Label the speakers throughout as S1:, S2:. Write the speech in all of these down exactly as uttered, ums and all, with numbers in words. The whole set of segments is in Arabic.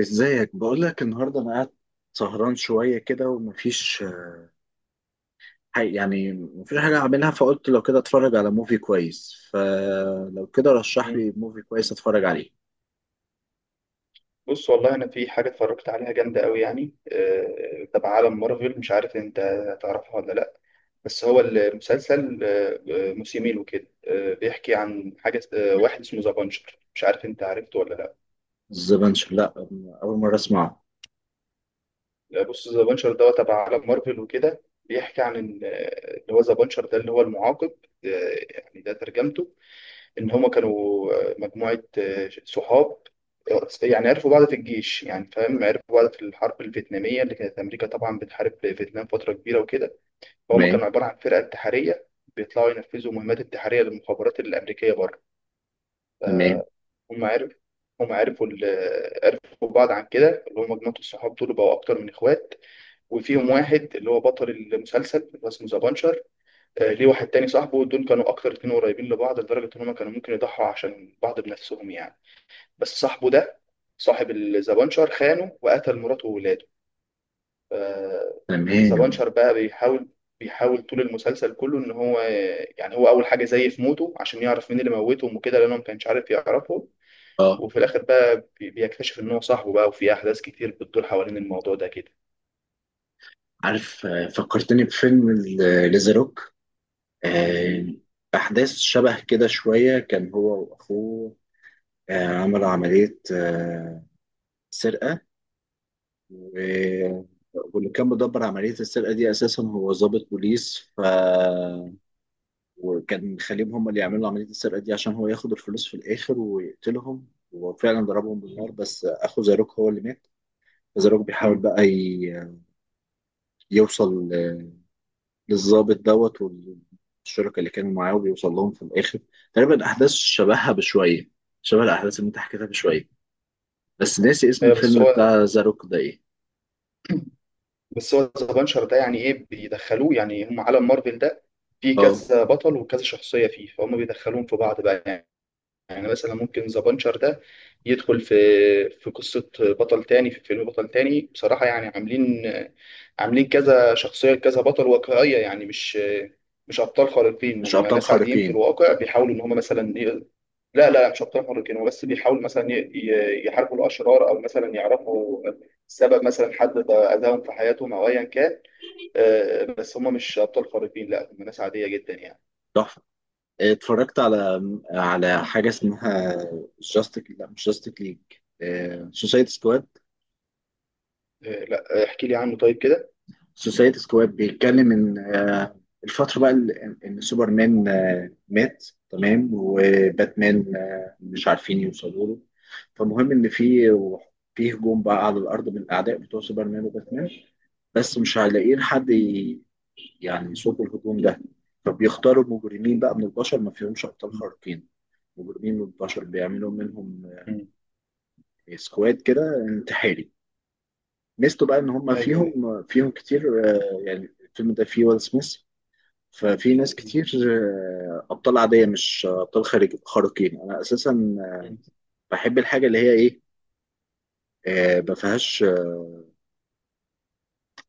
S1: ازيك؟ بقول لك النهارده انا قاعد سهران شويه كده ومفيش حاجة، يعني مفيش حاجه اعملها، فقلت لو كده اتفرج على موفي كويس، فلو كده رشح
S2: مم.
S1: لي موفي كويس اتفرج عليه.
S2: بص والله انا في حاجه اتفرجت عليها جامده قوي يعني آه، تبع عالم مارفل، مش عارف انت تعرفها ولا لا. بس هو المسلسل، آه، آه، موسمين وكده. آه، بيحكي عن حاجه، آه، واحد اسمه ذا بانشر، مش عارف انت عرفته ولا لا.
S1: الزبنش، لا، اول مره اسمعه.
S2: لا، بص ذا بانشر ده تبع عالم مارفل وكده، بيحكي عن إن، آه، اللي هو ذا بانشر ده اللي هو المعاقب، آه، يعني ده ترجمته. ان هما كانوا، آه، مجموعه آه، صحاب، يعني عرفوا بعض في الجيش، يعني فاهم، عرفوا بعض في الحرب الفيتناميه اللي كانت امريكا طبعا بتحارب فيتنام فتره كبيره وكده. فهم
S1: تمام.
S2: كانوا عباره عن فرقه انتحاريه، بيطلعوا ينفذوا مهمات انتحاريه للمخابرات الامريكيه بره.
S1: تمام.
S2: هم عرفوا هم عرفوا ال- عرفوا بعض عن كده، اللي هم مجموعه الصحاب دول بقوا اكتر من اخوات. وفيهم واحد اللي هو بطل المسلسل اللي هو اسمه ذا بانشر، آه، ليه واحد تاني صاحبه، دول كانوا اكتر اتنين قريبين لبعض لدرجه ان هم كانوا ممكن يضحوا عشان بعض بنفسهم يعني. بس صاحبه ده صاحب الزبانشر خانه وقتل مراته وولاده. ف-
S1: تمام.
S2: زبانشر بقى بيحاول بيحاول طول المسلسل كله ان هو، يعني هو اول حاجه زيف موته عشان يعرف مين اللي موتهم وكده، لانه ما كانش عارف يعرفهم.
S1: اه،
S2: وفي الاخر بقى بي- بيكتشف ان هو صاحبه بقى، وفي احداث كتير بتدور حوالين الموضوع ده كده.
S1: عارف، آه، فكرتني بفيلم ال- ليزاروك. آه،
S2: م-
S1: احداث شبه كده شويه، كان هو واخوه آه، عملوا عمليه آه، سرقه، و- واللي كان مدبر عملية السرقة دي أساسا هو ضابط بوليس، ف وكان خليهم هم اللي يعملوا عملية السرقة دي عشان هو ياخد الفلوس في الآخر ويقتلهم، وفعلا ضربهم
S2: م-
S1: بالنار بس أخو زاروك هو اللي مات. زاروك بيحاول
S2: م.
S1: بقى ي- يوصل ل- للضابط دوت والشركة اللي كانوا معاه، وبيوصل لهم في الآخر. تقريبا أحداث شبهها بشوية، شبه الأحداث اللي أنت حكيتها بشوية، بس ناسي اسم
S2: ايوه، بس
S1: الفيلم
S2: هو
S1: بتاع زاروك ده إيه؟
S2: بس هو زبانشر ده يعني ايه بيدخلوه، يعني هم عالم مارفل ده فيه
S1: أه.
S2: كذا بطل وكذا شخصيه فيه، فهم بيدخلوهم في بعض بقى يعني. يعني مثلا ممكن ذا بانشر ده يدخل في في قصة بطل تاني، في فيلم بطل تاني بصراحة. يعني عاملين عاملين كذا شخصية كذا بطل واقعية، يعني مش مش أبطال خارقين،
S1: مش
S2: هم
S1: أبطال
S2: ناس عاديين في
S1: خارقين.
S2: الواقع بيحاولوا إن هم مثلا ي- لا لا مش أبطال خارقين، هم بس بيحاولوا مثلا ي- ي- يحاربوا الأشرار، أو مثلا يعرفوا سبب مثلا حد أذاهم في حياتهم أو أيا كان. آه، بس هم مش أبطال خارقين، لا هم ناس عادية جدا يعني.
S1: تحفة. اتفرجت على على حاجة اسمها جاستيك، لا مش جاستيك ليج، سوسايتي سكواد.
S2: آه، لا احكي لي عنه طيب كده.
S1: سوسايتي سكواد بيتكلم ان آه، الفترة بقى ال- ان سوبرمان آه، مات تمام، وباتمان آه، مش عارفين يوصلوا له، فمهم ان في في هجوم بقى على الارض من الاعداء بتوع سوبرمان وباتمان، بس مش هيلاقيين حد ي- يعني يصد الهجوم ده، فبيختاروا مجرمين بقى من البشر ما فيهمش ابطال خارقين، مجرمين من اتناشر بيعملوا منهم سكواد كده انتحاري. ميزته بقى ان هم
S2: ايوه، ايوه.
S1: فيهم فيهم كتير، آه، يعني الفيلم ده فيه ويل سميث، ففي ناس
S2: مم.
S1: كتير، آه، ابطال عاديه مش ابطال خارج خارقين. انا اساسا
S2: مم.
S1: بحب الحاجه اللي هي ايه، آه، ما فيهاش، آه،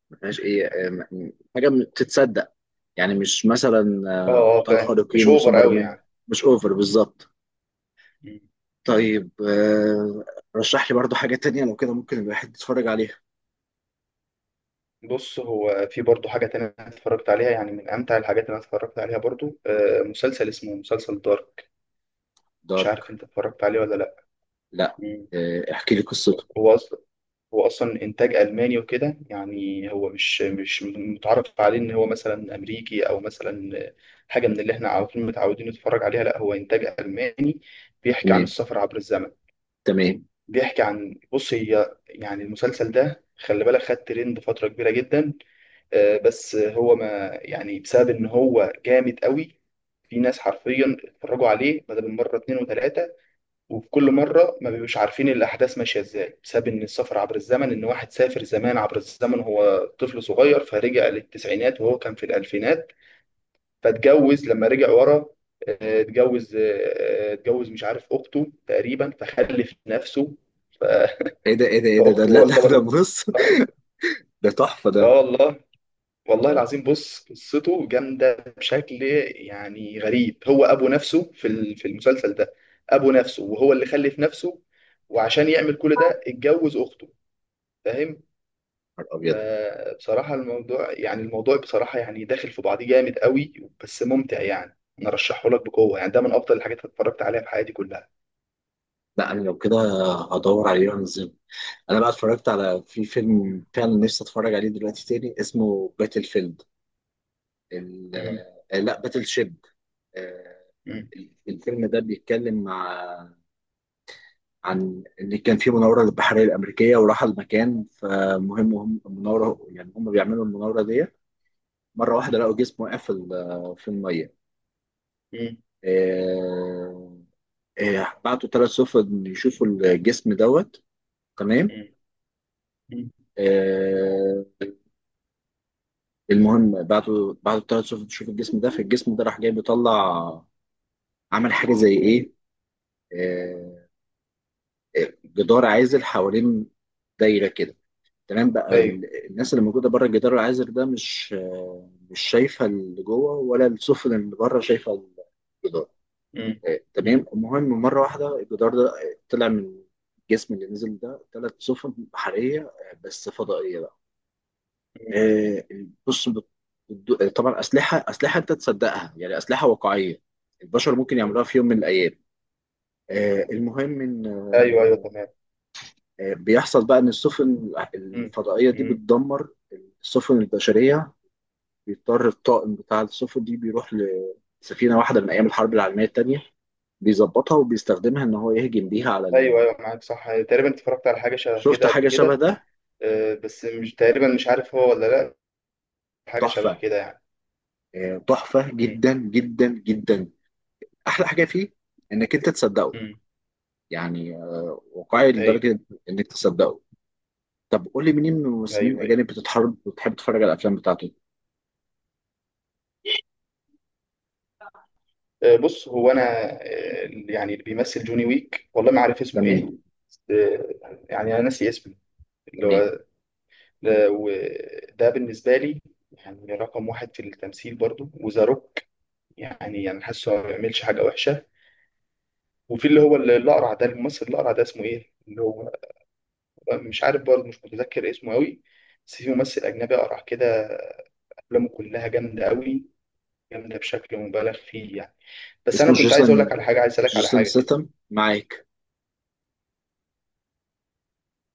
S1: ما فيهاش ايه آه، م- حاجه بتتصدق، يعني مش مثلا
S2: اه،
S1: آه،
S2: اه،
S1: ابطال
S2: فاهم، مش
S1: خارقين
S2: اوفر قوي
S1: وسوبرمان.
S2: يعني.
S1: مش اوفر بالظبط.
S2: مم.
S1: طيب، آه، رشح لي برضو حاجه تانية لو كده ممكن الواحد يتفرج عليها.
S2: بص هو في برضه حاجه تانية أنا اتفرجت عليها، يعني من امتع الحاجات اللي انا اتفرجت عليها برضه، آه، مسلسل اسمه مسلسل دارك. مش
S1: دارك؟
S2: عارف انت اتفرجت عليه ولا لا.
S1: لا.
S2: مم.
S1: آه، احكي لي قصته.
S2: هو اصلا هو اصلا انتاج الماني وكده، يعني هو مش مش متعرف عليه ان هو مثلا امريكي او مثلا حاجه من اللي احنا عارفين متعودين نتفرج عليها. لا هو انتاج الماني. بيحكي عن
S1: تمام.
S2: السفر عبر الزمن.
S1: تمام.
S2: بيحكي عن، بص هي يعني المسلسل ده خلي بالك خد ترند فترة كبيرة جدا، آه، بس هو ما يعني، بسبب ان هو جامد قوي في ناس حرفيا اتفرجوا عليه بدل من مرة اتنين وتلاتة، وفي كل مرة ما بيبقوش عارفين الأحداث ماشية ازاي، بسبب ان السفر عبر الزمن، ان واحد سافر زمان عبر الزمن، هو طفل صغير فرجع للتسعينات وهو كان في الألفينات، فاتجوز لما رجع ورا، آه، اتجوز، آه، آه، اتجوز مش عارف أخته تقريبا، فخلف نفسه.
S1: ايه ده، ايه ده، ايه ده ده
S2: فاخته
S1: لا لا، ده
S2: يعتبر،
S1: بص.
S2: اه.
S1: ده تحفه ده
S2: آه والله، والله
S1: ده
S2: العظيم، بص قصته جامده بشكل يعني غريب. هو ابو نفسه في ال- في المسلسل ده، ابو نفسه وهو اللي خلف نفسه، وعشان يعمل كل ده اتجوز اخته، فاهم.
S1: نهار ابيض.
S2: ف- بصراحه الموضوع، يعني الموضوع بصراحه يعني داخل في بعضيه جامد قوي، بس ممتع يعني. انا ارشحه لك بقوه، يعني ده من افضل الحاجات اللي اتفرجت عليها في حياتي كلها.
S1: لا انا لو كده هدور عليه وانزله. انا بقى اتفرجت على، في فيلم
S2: مم.
S1: فعلا نفسي اتفرج عليه دلوقتي تاني، اسمه باتل فيلد، ال...
S2: مم.
S1: آه، لا، باتل شيب. آه،
S2: مم.
S1: الفيلم ده بيتكلم ع- عن ان كان في مناوره للبحريه الامريكيه وراح المكان، فمهم هم المناوره، يعني هم بيعملوا المناوره دي. مره واحده لقوا جسم واقع في ال- آه، في الميه.
S2: مم.
S1: آه، آه، بعتوا ثلاث سفن يشوفوا الجسم دوت. تمام.
S2: مم. مم.
S1: آه، المهم بعتوا بعتوا ثلاث سفن يشوفوا الجسم ده، فالجسم ده راح جاي بيطلع، عمل حاجه زي
S2: مم.
S1: ايه، آه، آه، جدار عازل حوالين، دايره كده. تمام. بقى
S2: ايوه.
S1: ال- الناس اللي موجوده بره الجدار العازل ده مش، آه، مش شايفه اللي جوه، ولا السفن اللي بره شايفه الجدار.
S2: مم.
S1: آه، تمام. المهم مرة واحدة الجدار ده آه، طلع من الجسم اللي نزل ده ثلاث سفن بحرية، آه، بس فضائية بقى. آه، بص، بت- بتدو- آه، طبعا أسلحة أسلحة أنت تصدقها، يعني أسلحة واقعية البشر ممكن
S2: مم.
S1: يعملوها في يوم من الأيام. آه، المهم إن،
S2: ايوه، ايوه،
S1: آه،
S2: تمام.
S1: آه، بيحصل بقى إن السفن
S2: امم
S1: الفضائية دي
S2: امم
S1: بتدمر السفن البشرية، بيضطر الطاقم بتاع السفن دي بيروح لسفينة واحدة من أيام الحرب العالمية التانية، بيظبطها وبيستخدمها ان هو يهجم بيها على.
S2: ايوه، ايوه، معاك صح. تقريبا اتفرجت على حاجه شبه
S1: شفت
S2: كده قبل
S1: حاجة شبه
S2: كده،
S1: ده؟
S2: آه، بس مش تقريبا مش عارف هو ولا لا، حاجه شبه
S1: تحفة.
S2: كده يعني.
S1: آه، تحفة
S2: امم
S1: جدا جدا جدا. أحلى حاجة فيه إنك أنت تصدقه،
S2: امم
S1: يعني آه، واقعي
S2: ايوه،
S1: لدرجة إنك تصدقه. طب قول لي مين من الممثلين
S2: ايوه، ايوه.
S1: الأجانب بتتحرك وتحب تتفرج على الأفلام بتاعته.
S2: آه، بص هو انا، آه، يعني اللي بيمثل جوني ويك، والله ما عارف اسمه ايه.
S1: تمام.
S2: آه، يعني انا ناسي اسمه، اللي
S1: تمام.
S2: هو ده، وده بالنسبه لي يعني رقم واحد في التمثيل برضو. وذا روك، يعني يعني حاسه ما بيعملش حاجه وحشه. وفي اللي هو اللي الاقرع ده، الممثل الاقرع ده اسمه ايه، اللي هو مش عارف برضه مش متذكر اسمه قوي، بس في ممثل أجنبي أقرع كده، أفلامه كلها جامدة قوي، جامدة بشكل مبالغ فيه يعني. بس
S1: اسمه
S2: أنا كنت عايز أقول لك
S1: جيسون،
S2: على حاجة، عايز أسألك على
S1: جيسون
S2: حاجة كده.
S1: ستم، معاك.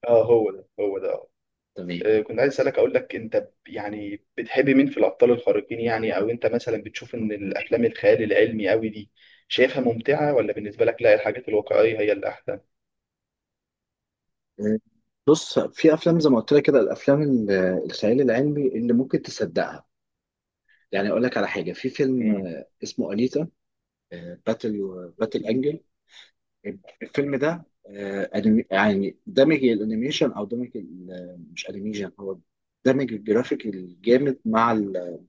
S2: أه هو ده، هو ده أه.
S1: تمام.
S2: آه، كنت عايز أسألك، أقول لك أنت ب- يعني بتحب مين في الأبطال الخارقين يعني، أو أنت مثلا بتشوف إن الأفلام الخيال العلمي قوي دي شايفها ممتعة، ولا بالنسبة لك لا الحاجات الواقعية هي اللي أحسن؟
S1: آه، بص، في أفلام زي ما قلت لك كده، الأفلام ال- الخيال العلمي اللي ممكن تصدقها. يعني أقول لك على حاجة، في فيلم
S2: مم.
S1: آه، اسمه أنيتا باتل، باتل
S2: مم.
S1: أنجل. الفيلم ده آه، أنمي- يعني دمج الانيميشن، او دمج ال- مش انيميشن هو، دمج الجرافيك الجامد مع ال-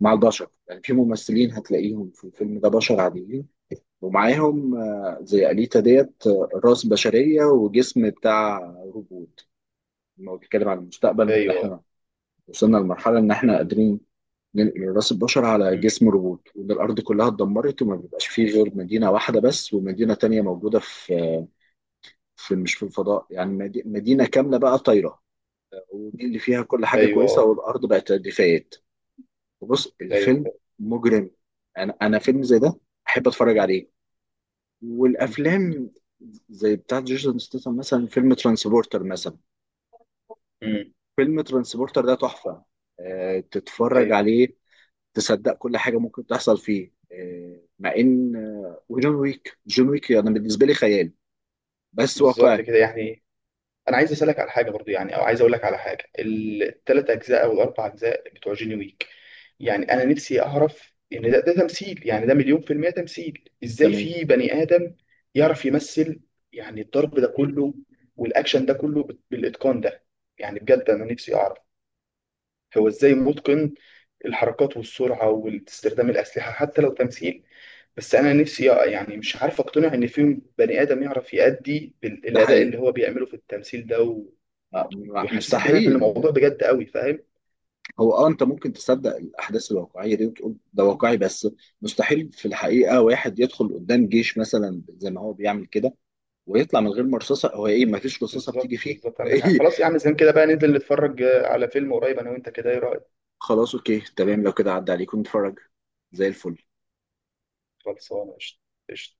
S1: مع البشر. يعني في ممثلين هتلاقيهم في الفيلم ده بشر عاديين، ومعاهم آه، زي أليتا ديت، آه، راس بشرية وجسم بتاع روبوت. لما هو بيتكلم عن المستقبل،
S2: أيوه.
S1: احنا وصلنا لمرحلة ان احنا قادرين ننقل راس البشر على
S2: مم.
S1: جسم روبوت، وان الارض كلها اتدمرت وما بيبقاش فيه غير مدينة واحدة بس، ومدينة تانية موجودة في آه، في، مش في الفضاء، يعني مدي- مدينة كاملة بقى طايرة، ودي اللي فيها كل حاجة كويسة،
S2: أيوه،
S1: والأرض بقت رغيفات. وبص
S2: أيوه.
S1: الفيلم مجرم. أنا أنا فيلم زي ده أحب أتفرج عليه.
S2: مم.
S1: والأفلام زي بتاعت جيسون ستاثام، مثلا فيلم ترانسبورتر. مثلا
S2: مم.
S1: فيلم ترانسبورتر ده تحفة، آه، تتفرج
S2: أيوه،
S1: عليه تصدق كل حاجة ممكن تحصل فيه. آه، مع إن، آه، وجون ويك، جون ويك أنا يعني بالنسبة لي خيال بس
S2: بالظبط
S1: واقعي.
S2: كده يعني. انا عايز اسالك على حاجه برضو، يعني او عايز اقول لك على حاجه، الثلاث اجزاء او الاربع اجزاء بتوع جيني ويك، يعني انا نفسي اعرف ان ده ده تمثيل، يعني ده مليون في المية تمثيل. ازاي
S1: تمام.
S2: في بني ادم يعرف يمثل يعني الضرب ده كله والاكشن ده كله بال- بالاتقان ده، يعني بجد انا نفسي اعرف هو ازاي متقن الحركات والسرعه واستخدام الاسلحه حتى لو تمثيل. بس انا نفسي يعني مش عارف اقتنع ان في بني ادم يعرف يأدي بال-
S1: ده
S2: الاداء
S1: حقيقي.
S2: اللي هو بيعمله في التمثيل ده،
S1: آه،
S2: ويحسسك ان أنا في
S1: مستحيل.
S2: الموضوع بجد قوي، فاهم.
S1: هو اه، انت ممكن تصدق الاحداث الواقعيه دي وتقول ده
S2: آه،
S1: واقعي، بس مستحيل في الحقيقه واحد يدخل قدام جيش مثلا زي ما هو بيعمل كده ويطلع من غير مرصصه، هو ايه ما فيش رصاصه بتيجي
S2: بالظبط،
S1: فيه؟
S2: بالظبط، عندك حق.
S1: ايه.
S2: خلاص يا عم زين كده بقى، ننزل نتفرج آه، على فيلم قريب انا وانت كده، ايه رايك؟
S1: خلاص، اوكي، تمام، لو كده عدى عليكم نتفرج زي الفل.
S2: خلصانه قشطه. قشطة.